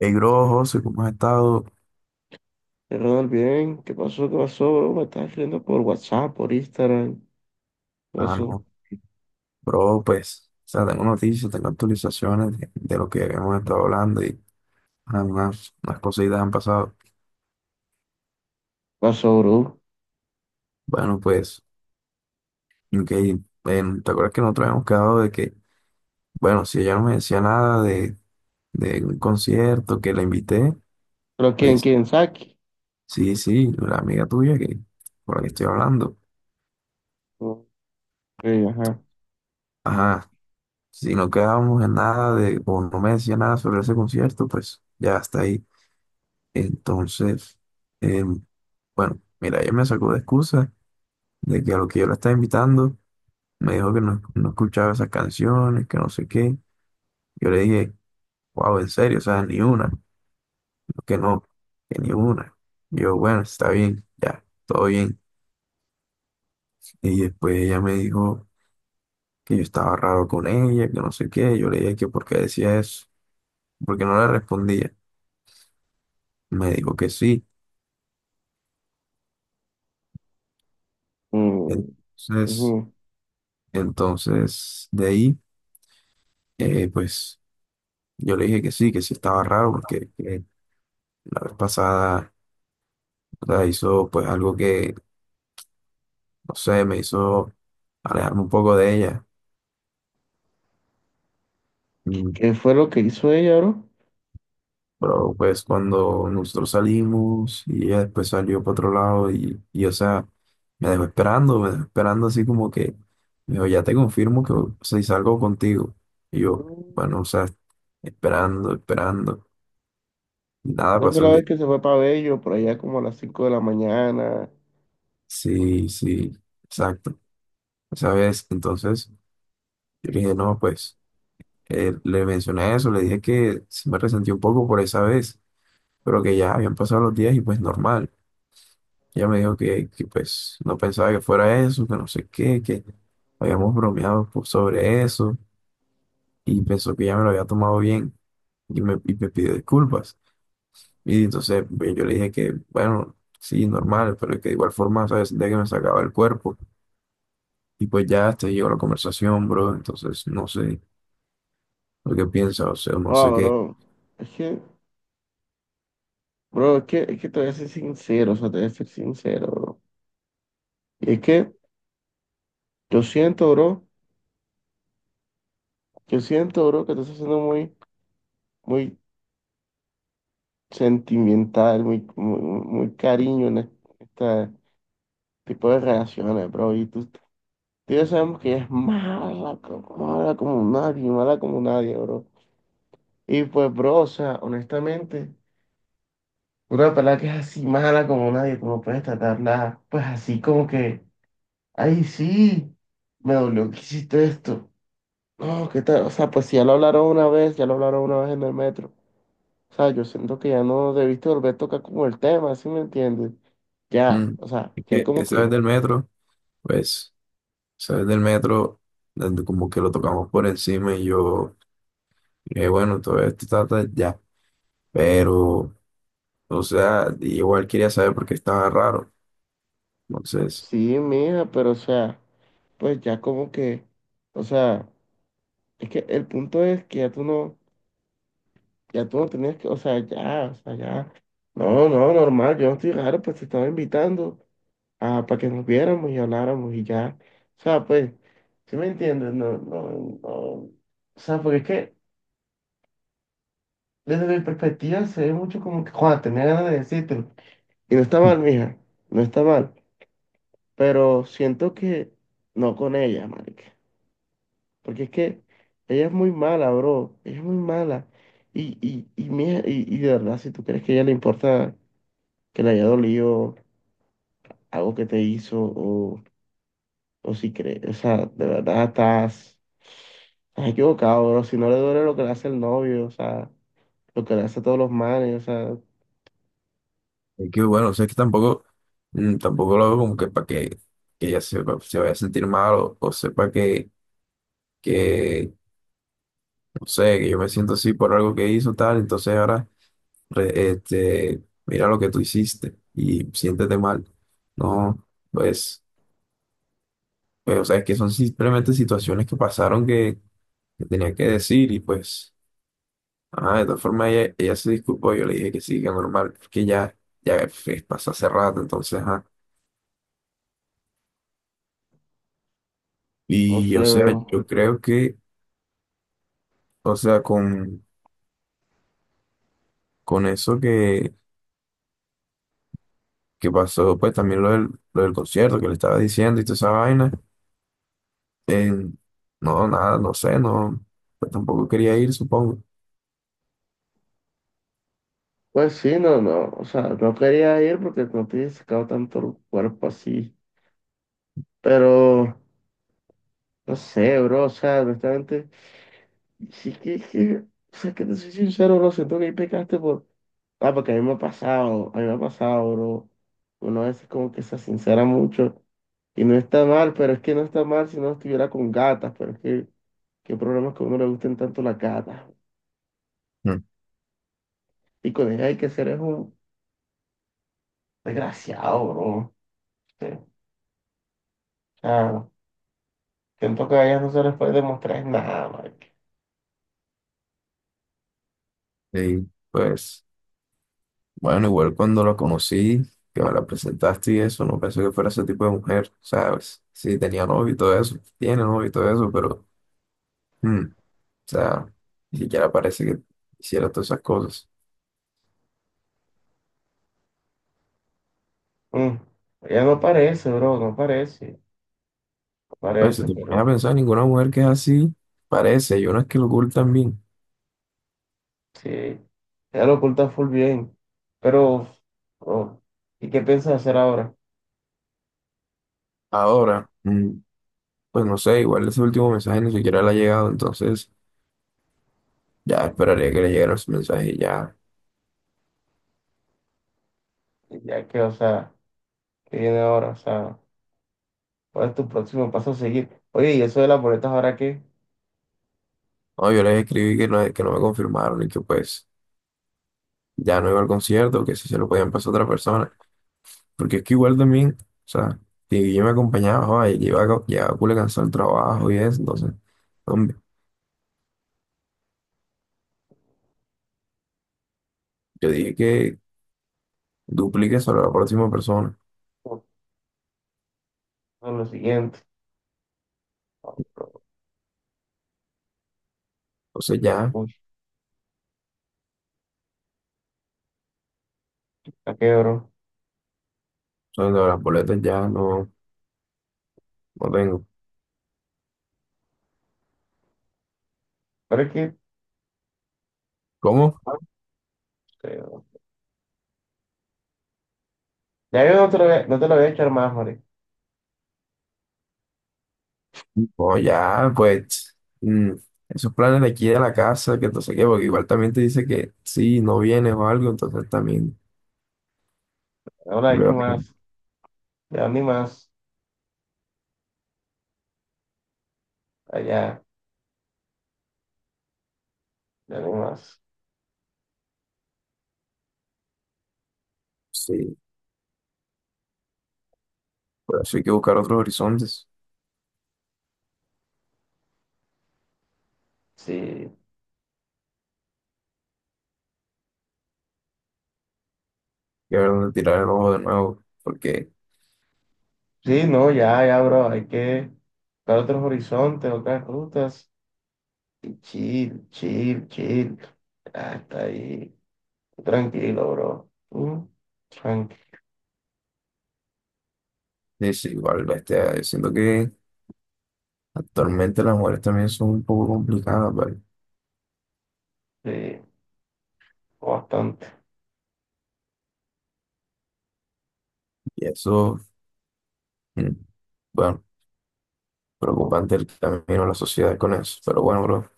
Hey, bro, José, ¿cómo has estado? Ronald, bien, ¿qué pasó? ¿Qué pasó, bro? Me estás escribiendo por WhatsApp, por Instagram. ¿Qué Ah, pasó? ¿Qué no, bro, pues, o sea, tengo noticias, tengo actualizaciones de lo que hemos estado hablando y unas cositas han pasado. pasó, bro? Bueno, pues, ok, ven, ¿te acuerdas que nosotros habíamos quedado de que, bueno, si ella no me decía nada de un concierto que la invité, ¿Pero quién? pues, ¿Quién? ¿Saki? sí, sí, la amiga tuya que, por la que estoy hablando. Ok, ajá. Ajá, si no quedábamos en nada de, o no me decía nada sobre ese concierto, pues, ya está ahí. Entonces, em, bueno, mira, ella me sacó de excusa de que a lo que yo la estaba invitando, me dijo que no, no escuchaba esas canciones, que no sé qué. Yo le dije, wow, en serio, o sea, ni una, que no, que ni una. Yo, bueno, está bien, ya, todo bien. Y después ella me dijo que yo estaba raro con ella, que no sé qué. Yo le dije que por qué decía eso, porque no le respondía. Me dijo que sí. Mm, Entonces, ujú. De ahí, pues. Yo le dije que sí estaba raro porque que la vez pasada o sea, hizo pues algo que, no sé, me hizo alejarme un poco de ella. ¿Qué, Mm. qué fue lo que hizo ella, bro? Pero pues cuando nosotros salimos y ella después salió para otro lado y o sea, me dejó esperando así como que, me dijo, ya te confirmo que o sea, si salgo contigo. Y yo, Mm, bueno, o sea, esperando, esperando. Y nada, creo que pasó la el vez día. que se fue para Bello, por allá como a las 5 de la mañana. Sí, sí, exacto. Esa vez, entonces, yo le dije, no, pues. Le mencioné eso, le dije que sí me resentí un poco por esa vez, pero que ya habían pasado los días y pues normal. Ella me dijo que pues no pensaba que fuera eso, que no sé qué, que habíamos bromeado pues, sobre eso y pensó que ya me lo había tomado bien y me pidió disculpas. Y entonces pues, yo le dije que, bueno, sí, normal, pero que de igual forma, ¿sabes? Sentía que me sacaba el cuerpo. Y pues ya hasta ahí llegó la conversación, bro. Entonces no sé lo que piensa, o sea, no Ah, sé qué. bro. Es que, bro, es que te voy a ser sincero, o sea, te voy a ser sincero, bro. Y es que yo siento, bro, yo siento, bro, que te estás haciendo muy sentimental, muy cariño en este tipo de relaciones, bro. Y tú ya sabemos que ella es mala, mala como nadie, bro. Y pues, bro, o sea, honestamente, una pelada que es así mala como nadie, como puedes tratarla, pues así como que, ay, sí, me dolió que hiciste esto. No, ¿qué tal? O sea, pues si ya lo hablaron una vez, ya lo hablaron una vez en el metro. O sea, yo siento que ya no debiste volver a tocar como el tema, ¿sí me entiendes? Ya, Mm. o sea, Es ya que como esa que, vez del metro. Pues, sabes del metro, donde como que lo tocamos por encima y yo, bueno, todo esto está ya. Pero, o sea, igual quería saber por qué estaba raro. Entonces, sí, mija, pero o sea, pues ya como que, o sea, es que el punto es que ya tú no tenías que, o sea, ya, no, no, normal, yo no estoy raro, pues te estaba invitando a, para que nos viéramos y habláramos y ya, o sea, pues, ¿sí me entiendes? No, no, no, o sea, porque es que desde mi perspectiva se ve mucho como que, Juan, tenía ganas de decírtelo. Y no está mal, mija, no está mal, pero siento que no con ella, marica, porque es que ella es muy mala, bro, ella es muy mala, mija, y de verdad, si tú crees que a ella le importa que le haya dolido algo que te hizo, o si crees, o sea, de verdad estás equivocado, bro, si no le duele lo que le hace el novio, o sea, lo que le hace a todos los manes, o sea, es que bueno, o sea, es que tampoco, tampoco lo hago como que para que, que ella sepa, se vaya a sentir mal o sepa que, no sé, que yo me siento así por algo que hizo tal. Entonces ahora, mira lo que tú hiciste y siéntete mal. No, pues. Pues, o sea, es que son simplemente situaciones que pasaron que tenía que decir y pues, de todas formas ella se disculpó, yo le dije que sí, que normal, que ya, ya pues, pasó hace rato, entonces, ajá. no Y, sé, o sea, yo bro. creo que, o sea, con eso que pasó, pues también lo del concierto que le estaba diciendo y toda esa vaina, eh, no, nada, no sé, no, pues, tampoco quería ir, supongo. Pues sí, no, no, o sea, no quería ir porque no te he sacado tanto el cuerpo así. Pero, no sé, bro, o sea, honestamente, sí o sea, que te soy sincero, bro, siento que ahí pecaste por, ah, porque a mí me ha pasado, a mí me ha pasado, bro, uno a veces como que se sincera mucho, y no está mal, pero es que no está mal si no estuviera con gatas, pero es que, qué problemas que a uno le gusten tanto las gatas, Mm. y con ellas hay que ser es un desgraciado, bro, sí, o sea, siento que a ellas no se les puede demostrar nada, marica. Y, pues... Bueno, igual cuando la conocí, que me la presentaste y eso, no pensé que fuera ese tipo de mujer, ¿sabes? Sí, tenía novio y todo eso, tiene novio y todo eso, pero, o sea, ni siquiera parece que hiciera todas esas cosas. Mm, ella no parece, bro, no parece, no Bueno, si parece, te pones a pero... pensar, ninguna mujer que es así parece, y unas que lo ocultan bien. Sí, ya lo oculta full bien. Pero, bro, ¿y qué piensas hacer ahora? Ahora, pues no sé, igual ese último mensaje ni siquiera le ha llegado, entonces ya esperaría que le llegara ese mensaje y ya. Ya que, o sea, ¿qué viene ahora? O sea, ¿cuál es tu próximo paso a seguir? Oye, ¿y eso de las boletas ahora qué? No, yo les escribí que no me confirmaron y que pues ya no iba al concierto, que si se lo podían pasar a otra persona. Porque es que igual también, o sea, que yo me acompañaba, joa, y llevaba, llevaba culo cansado el trabajo y eso, entonces, hombre, yo dije que duplique sobre la próxima persona. Eso es lo siguiente. Oh, Entonces ya, uy, ¿a qué, bro? sobre las boletas ya no, no tengo. Pero es que, ¿Cómo? no sé, bro. Ya yo no te lo voy a, no te lo voy a echar más, Mari. No, ya, pues, mm, esos planes de aquí de la casa, que entonces qué, porque igual también te dice que sí, no vienes o algo, entonces también, No la he hecho luego, más. Ya ni más. Allá, ya ni más. sí, por eso hay que buscar otros horizontes, Sí, y a ver dónde tirar el ojo de nuevo, porque sí, no, ya, bro. Hay que buscar otros horizontes, otras rutas. Chill, chill, chill. Hasta ahí. Tranquilo, bro. Mm, tranqui. es igual, bestia, yo siento que actualmente las mujeres también son un poco complicadas, ¿vale? Sí, bastante. Y eso, mm, bueno, preocupante el camino de la sociedad con eso. Pero bueno, bro,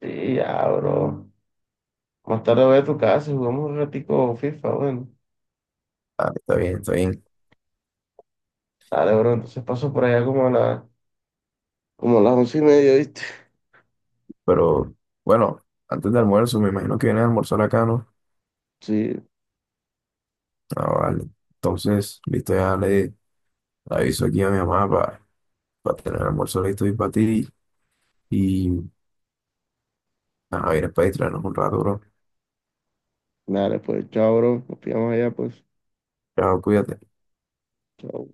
Sí, ya, bro. Más tarde voy a tu casa y jugamos un ratico FIFA, bueno. ah, está bien, está bien. Dale, bro. Entonces paso por allá como a la, como a las 11:30, ¿viste? Pero bueno, antes del almuerzo, me imagino que viene a almorzar acá, ¿no? Sí, Ah, vale. Entonces, listo, ya le aviso aquí a mi mamá para tener el almuerzo listo y para ti. Y nada, vienes para distraernos un rato, bro. dale, pues. Chao, bro. Nos pillamos allá, pues. Chao, cuídate. Chao.